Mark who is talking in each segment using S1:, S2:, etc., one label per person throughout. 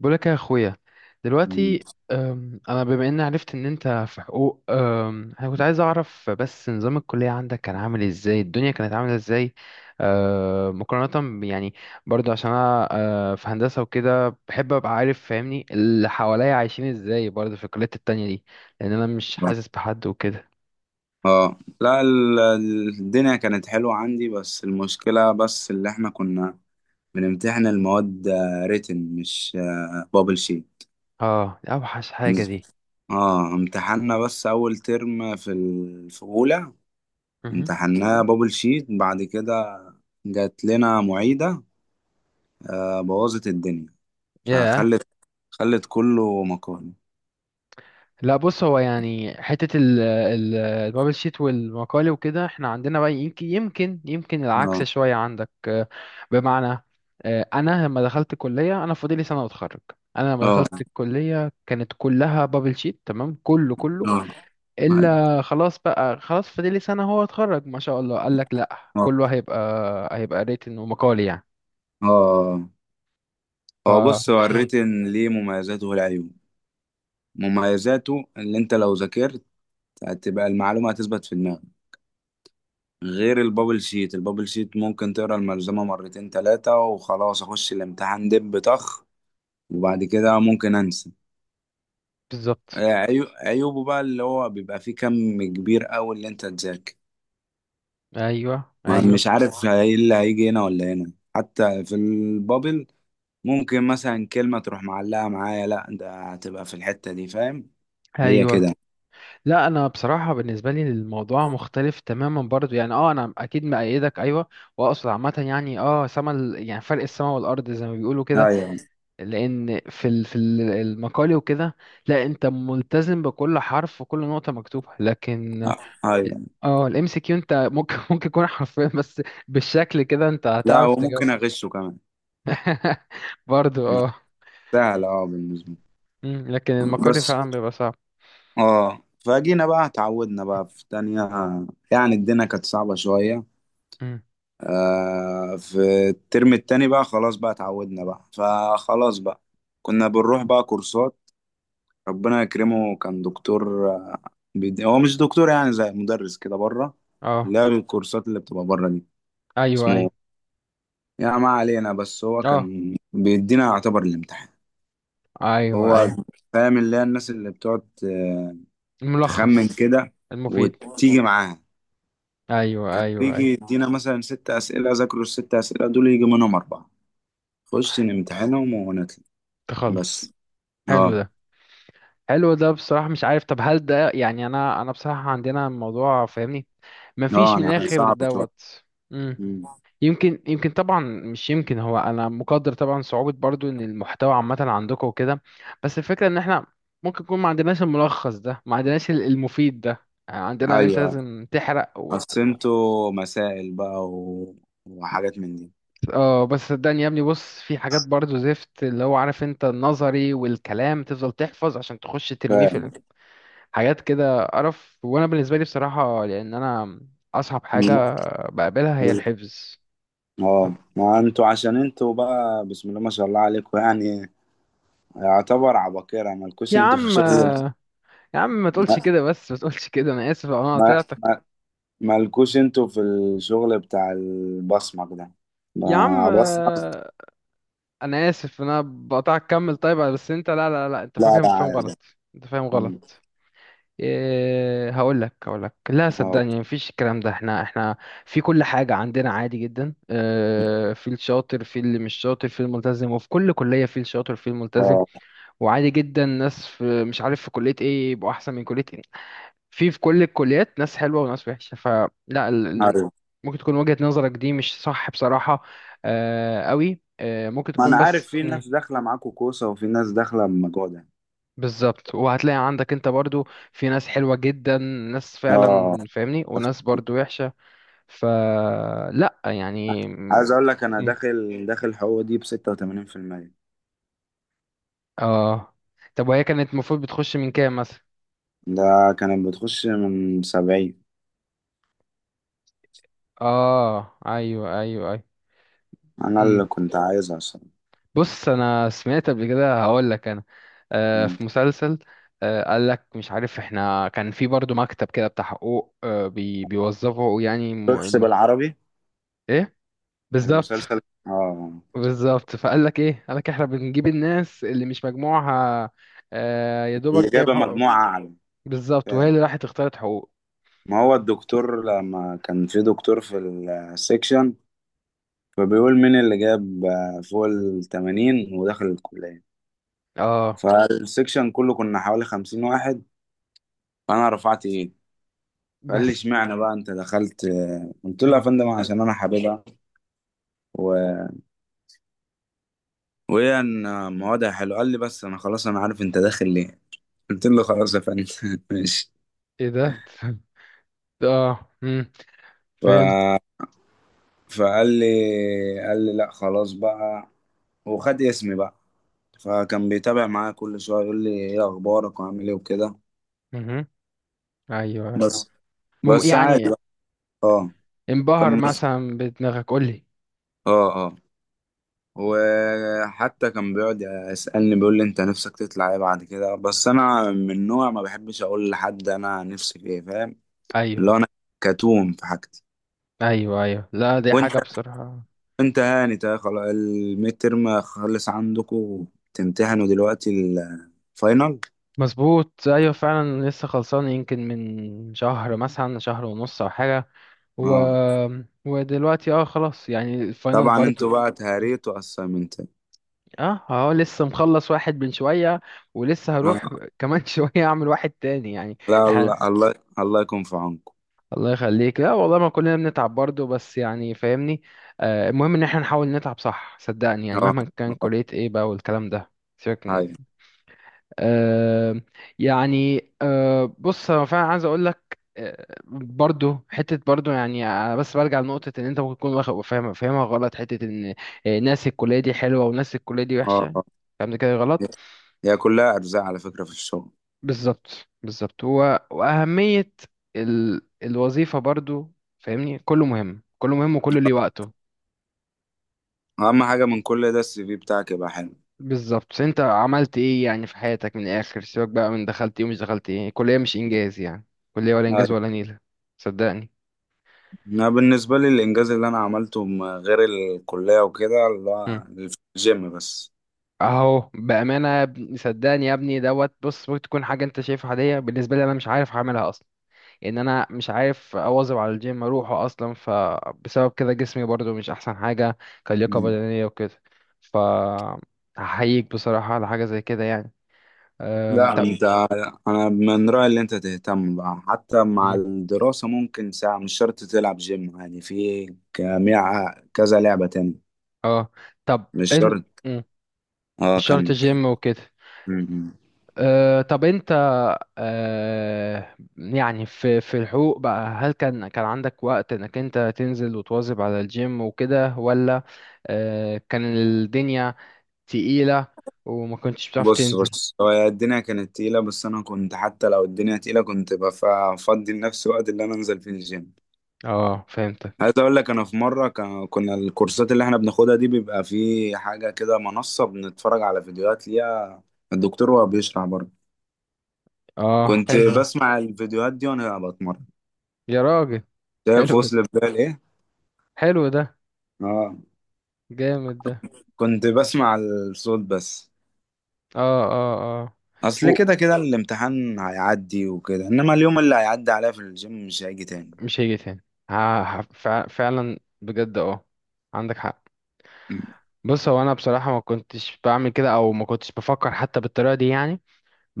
S1: بقولك يا اخويا،
S2: مم.
S1: دلوقتي انا بما اني عرفت ان انت في حقوق، انا كنت عايز اعرف بس نظام الكلية عندك كان عامل ازاي، الدنيا كانت عاملة ازاي. مقارنة يعني برضو عشان انا في هندسة وكده بحب ابقى عارف، فاهمني اللي حواليا عايشين ازاي برضو في الكليات التانية دي. لان انا مش حاسس بحد وكده.
S2: اه، لا، الدنيا كانت حلوة عندي، بس المشكلة بس اللي احنا كنا بنمتحن المواد ريتن، مش بابل شيت.
S1: اه، دي اوحش حاجة دي.
S2: اه، امتحنا بس اول ترم في اولى.
S1: مهم.
S2: امتحناه بابل شيت، بعد كده جات لنا معيدة بوظت الدنيا.
S1: ياه.
S2: فخلت خلت كله مقالي.
S1: لا، بص، هو يعني حتة ال البابل شيت والمقالي وكده احنا عندنا بقى يمكن العكس
S2: اه
S1: شوية عندك، بمعنى، أنا لما دخلت الكلية أنا فاضلي سنة وأتخرج. أنا لما
S2: اه
S1: دخلت الكلية كانت كلها بابل شيت تمام، كله كله.
S2: اه، أيوة.
S1: إلا خلاص بقى، خلاص فاضلي سنة هو أتخرج ما شاء الله، قال لك لأ
S2: اه
S1: كله هيبقى، هيبقى ريتن ومقالي يعني.
S2: اه،
S1: ف
S2: هو بص، هو
S1: مم.
S2: الريتن ليه مميزاته والعيوب. مميزاته اللي انت لو ذاكرت هتبقى المعلومة هتثبت في دماغك، غير البابل شيت. البابل شيت ممكن تقرا الملزمة مرتين تلاتة وخلاص، اخش الامتحان دب طخ، وبعد كده ممكن انسى.
S1: بالظبط.
S2: عيوبه بقى اللي هو بيبقى فيه كم كبير قوي اللي انت تذاكر،
S1: أيوه، أيوه،
S2: مش عارف ايه اللي هيجي هنا ولا هنا، حتى في البابل ممكن مثلا كلمة تروح معلقة معايا، لا ده هتبقى في الحتة دي، فاهم؟ هي
S1: أيوه.
S2: كده.
S1: لا، انا بصراحه بالنسبه لي الموضوع مختلف تماما برضو يعني، اه انا اكيد مأيدك، ايوه. واقصد عامه يعني يعني فرق السما والارض زي ما بيقولوا كده.
S2: ايوه،
S1: لان المقال وكده. لا، انت ملتزم بكل حرف وكل نقطه مكتوبه، لكن
S2: ايوه،
S1: اه الام سي كيو انت ممكن ممكن يكون حرفيا بس، بالشكل كده انت
S2: لا،
S1: هتعرف تجاوب.
S2: وممكن اغشه كمان.
S1: برضو، اه.
S2: سهلة، اه، بالنسبة لي.
S1: مم. لكن المقال
S2: بس
S1: فعلا بيبقى صعب.
S2: اه فجينا بقى، اتعودنا بقى في تانية، يعني الدنيا كانت صعبة شوية.
S1: مم.
S2: في الترم التاني بقى، خلاص بقى اتعودنا بقى، فخلاص بقى كنا بنروح بقى كورسات. ربنا يكرمه، كان دكتور، هو مش دكتور، يعني زي مدرس كده بره،
S1: اه،
S2: اللي هو الكورسات اللي بتبقى بره دي.
S1: ايوه،
S2: اسمه،
S1: ايوه.
S2: يعني ما علينا، بس هو
S1: اه،
S2: كان بيدينا يعتبر الامتحان.
S1: ايوه،
S2: هو
S1: ايوه.
S2: فاهم اللي هي الناس اللي بتقعد تخمن
S1: الملخص.
S2: كده
S1: المفيد.
S2: وتيجي معاها.
S1: ايوه،
S2: كان
S1: ايوه،
S2: بيجي
S1: ايوه.
S2: يدينا مثلا 6 أسئلة، ذاكروا الست أسئلة دول، يجي منهم 4، خش نمتحنهم ونطلع.
S1: تخلص.
S2: بس
S1: حلو
S2: اه،
S1: ده. حلو ده بصراحة، مش عارف. طب هل ده يعني انا بصراحة عندنا الموضوع فاهمني،
S2: اه،
S1: مفيش من
S2: أنا عارف،
S1: الاخر
S2: صعب شوية.
S1: دوت. امم
S2: مم.
S1: يمكن طبعا مش يمكن، هو انا مقدر طبعا صعوبة برضو ان المحتوى عامة عندكم وكده. بس الفكرة ان احنا ممكن يكون ما عندناش الملخص ده، ما عندناش المفيد ده، يعني عندنا ان انت
S2: أيوه،
S1: لازم تحرق
S2: أصل انتوا مسائل بقى و... وحاجات من دي،
S1: اه، بس صدقني يا ابني، بص في حاجات برضو زفت اللي هو عارف انت النظري والكلام تفضل تحفظ عشان تخش ترميه في
S2: فاهم؟
S1: حاجات كده قرف، وانا بالنسبه لي بصراحه لان انا، اصعب حاجه
S2: لا.
S1: بقابلها هي الحفظ.
S2: اه، ما انتوا عشان انتوا بقى بسم الله ما شاء الله عليكم، يعني يعتبر عباقرة، مالكوش
S1: يا
S2: انتوا في
S1: عم.
S2: شغل.
S1: يا عم، ما تقولش كده بس، ما تقولش كده. انا اسف لو انا
S2: ما
S1: قطعتك.
S2: ما مالكوش انتوا في الشغل بتاع البصمك ده،
S1: يا عم.
S2: ما بصمك.
S1: انا اسف انا بقطعك، كمل. طيب بس انت، لا لا لا، انت
S2: لا
S1: فاهم
S2: لا،
S1: فاهم
S2: عادي.
S1: غلط. انت فاهم
S2: مم.
S1: غلط. إيه، هقول لك. لا
S2: اه
S1: صدقني مفيش الكلام ده، احنا في كل حاجة عندنا عادي جدا إيه، في الشاطر، في اللي مش شاطر، في الملتزم، وفي كل كلية في الشاطر في الملتزم.
S2: اه،
S1: وعادي جدا ناس في مش عارف في كلية ايه يبقوا احسن من كلية ايه. في كل الكليات ناس حلوة وناس وحشة، فلا ال... ال-
S2: ايوه،
S1: ممكن تكون وجهة نظرك دي مش صح بصراحة. قوي، ممكن
S2: ما
S1: تكون،
S2: انا عارف
S1: بس.
S2: في
S1: مم.
S2: ناس داخله معاكوا كوسه، وفي ناس داخله بمجهود يعني.
S1: بالظبط، وهتلاقي عندك انت برضو في ناس حلوة جدا، ناس فعلا
S2: اه
S1: فاهمني، وناس برضو وحشة. فلا يعني.
S2: عايز
S1: مم.
S2: اقول لك انا
S1: مم.
S2: داخل حقوق دي ب 86%.
S1: اه، طب وهي كانت المفروض بتخش من كام مثلا؟
S2: ده كانت بتخش من 70.
S1: اه، ايوه، ايوه، ايوه.
S2: انا
S1: إمم.
S2: اللي كنت عايزها الصراحه.
S1: بص، انا سمعت قبل كده هقول لك انا،
S2: مم.
S1: في مسلسل، قال لك مش عارف، احنا كان في برضو مكتب كده بتاع حقوق، بيوظفوا يعني
S2: شفتش بالعربي
S1: ايه. بالظبط.
S2: المسلسل؟ اه،
S1: بالظبط فقال لك ايه، قال لك احنا بنجيب الناس اللي مش مجموعها، يا
S2: اللي
S1: دوبك جايب
S2: جاب
S1: حقوق.
S2: مجموعه اعلى.
S1: بالظبط، وهي اللي راحت اختارت حقوق.
S2: ما هو الدكتور لما كان في دكتور في السكشن، فبيقول مين اللي جاب فوق التمانين ودخل الكلية.
S1: اه.
S2: فالسكشن كله كنا حوالي 50 واحد. فأنا رفعت إيدي. فقال لي
S1: بس.
S2: اشمعنى بقى أنت دخلت؟ قلت له يا
S1: مم.
S2: فندم عشان أنا حاببها، و... وهي إن موادها حلوة. قال لي بس أنا خلاص، أنا عارف أنت داخل ليه. قلت له خلاص يا فندم. ماشي.
S1: ايه ده! اه. مم. فهمت.
S2: ف فقال لي قال لي لا خلاص بقى، وخد اسمي بقى. فكان بيتابع معايا كل شويه، يقول لي ايه اخبارك وعامل ايه وكده.
S1: مهم. ايوه.
S2: بس
S1: مم.
S2: بس عادي
S1: يعني
S2: بقى. اه
S1: انبهر
S2: كان مس...
S1: مثلا بدماغك؟ قول لي.
S2: اه اه وحتى كان بيقعد يسألني، بيقول لي انت نفسك تطلع ايه بعد كده، بس انا من نوع ما بحبش اقول لحد انا نفسي في ايه، فاهم؟ اللي هو
S1: ايوه،
S2: انا كتوم في حاجتي.
S1: ايوه، ايوه. لا دي
S2: وانت
S1: حاجه بصراحه.
S2: انت هاني، خلاص الميد ترم خلص عندكم؟ تمتحنوا دلوقتي الفاينل؟
S1: مظبوط. ايوه فعلا لسه خلصان يمكن من شهر، مثلا شهر ونص او حاجه. و...
S2: اه،
S1: ودلوقتي خلاص يعني الفاينل
S2: طبعا
S1: برضو.
S2: انتوا بقى تهاريتوا اسايمنت.
S1: اه، اه، لسه مخلص واحد من شويه، ولسه هروح
S2: اه،
S1: كمان شويه، اعمل واحد تاني يعني.
S2: لا،
S1: احنا،
S2: الله، الله، الله يكون في عونكم.
S1: الله يخليك. لا والله، ما كلنا بنتعب برضو، بس يعني فاهمني. المهم ان احنا نحاول نتعب صح، صدقني يعني
S2: اه
S1: مهما كان
S2: اه،
S1: كليه ايه بقى والكلام ده، سيبك.
S2: هاي،
S1: آه، يعني بص انا فعلا عايز اقول لك، برضو حته برضو يعني. أنا بس برجع لنقطه ان انت ممكن تكون فاهمها غلط، حته ان ناس الكليه دي حلوه وناس الكليه دي وحشه،
S2: اه،
S1: الكلام ده كده غلط.
S2: هي كلها ارزاق على فكره في الشغل.
S1: بالظبط، بالظبط. هو واهميه الوظيفه برضو، فاهمني، كله مهم كله مهم، وكله ليه وقته.
S2: اهم حاجه من كل ده السي في بتاعك يبقى حلو.
S1: بالظبط. انت عملت ايه يعني في حياتك من الاخر؟ سيبك بقى من دخلت ايه ومش دخلت ايه، الكليه مش انجاز يعني، كليه ولا
S2: هاي.
S1: انجاز ولا نيله. صدقني.
S2: انا بالنسبه لي الانجاز اللي انا عملته، غير الكليه وكده، اللي هو في الجيم بس.
S1: اهو بامانه صدقني يا ابني دوت. بص ممكن تكون حاجه انت شايفها عاديه، بالنسبه لي انا مش عارف هعملها اصلا، ان انا مش عارف اواظب على الجيم اروحه اصلا، فبسبب كده جسمي برضو مش احسن حاجه، كلياقه
S2: مم.
S1: بدنيه وكده. ف هحييك بصراحه على حاجه زي كده يعني.
S2: لا
S1: طب.
S2: انت، انا من رايي اللي انت تهتم بقى حتى مع
S1: مم.
S2: الدراسه، ممكن ساعه، مش شرط تلعب جيم، يعني في كمية كذا لعبه تاني،
S1: اه طب،
S2: مش
S1: ان.
S2: شرط.
S1: مم.
S2: اه،
S1: مش شرط
S2: كمل.
S1: جيم وكده.
S2: مم.
S1: طب انت، يعني في الحقوق بقى، هل كان عندك وقت انك انت تنزل وتواظب على الجيم وكده ولا، كان الدنيا تقيلة وما كنتش بتعرف
S2: بص
S1: تنزل؟
S2: بص، هو الدنيا كانت تقيلة، بس أنا كنت حتى لو الدنيا تقيلة كنت بفضي لنفسي وقت اللي أنا أنزل فيه الجيم.
S1: اه،
S2: عايز
S1: فهمتك.
S2: أقول لك أنا في مرة كنا الكورسات اللي إحنا بناخدها دي بيبقى في حاجة كده، منصة بنتفرج على فيديوهات ليها الدكتور وهو بيشرح برضه.
S1: اه،
S2: كنت
S1: حلو ده.
S2: بسمع الفيديوهات دي وأنا بتمرن.
S1: يا راجل.
S2: شايف
S1: حلو ده.
S2: وصل بال إيه؟
S1: حلو ده.
S2: آه،
S1: جامد ده.
S2: كنت بسمع الصوت بس.
S1: اه، اه، اه.
S2: أصل
S1: و-
S2: كده كده الامتحان هيعدي وكده، إنما اليوم اللي هيعدي عليا في الجيم مش هيجي تاني.
S1: مش هيجي تاني. فعلا بجد، اه. عندك حق.
S2: مم.
S1: بص، هو انا بصراحه ما كنتش بعمل كده، او ما كنتش بفكر حتى بالطريقه دي يعني.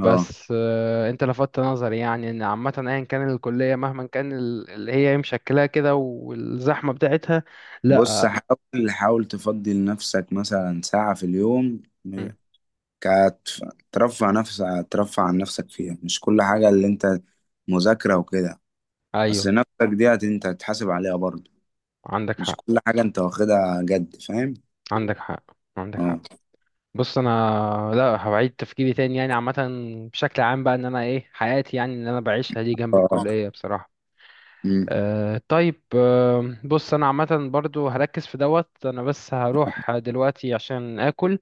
S2: آه
S1: انت لفتت نظري يعني ان عامه ايا كان الكليه، مهما كان اللي هي مشكلاه كده والزحمه بتاعتها.
S2: بص،
S1: لا.
S2: حاول، حاول تفضي لنفسك مثلا ساعة في اليوم.
S1: مم.
S2: كتف- ترفع نفسك، ترفع عن نفسك فيها، مش كل حاجة اللي انت مذاكرة وكده. بس
S1: ايوه،
S2: نفسك دي انت هتحاسب عليها برضه.
S1: عندك
S2: مش
S1: حق،
S2: كل حاجة انت واخدها جد، فاهم؟
S1: عندك حق، عندك حق.
S2: اه
S1: بص انا، لا هبعيد تفكيري تاني يعني عامه، بشكل عام بقى، ان انا ايه حياتي يعني اللي انا بعيشها دي جنب
S2: اه.
S1: الكليه بصراحه.
S2: مم.
S1: طيب. بص انا عامه برضو هركز في دوت، انا بس هروح دلوقتي عشان اكل.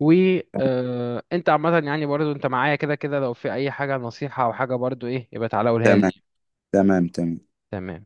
S1: و انت عامه يعني برضو انت معايا كده كده، لو في اي حاجه نصيحه او حاجه برضو ايه يبقى تعالى قولها لي.
S2: تمام، تمام تمام
S1: تمام.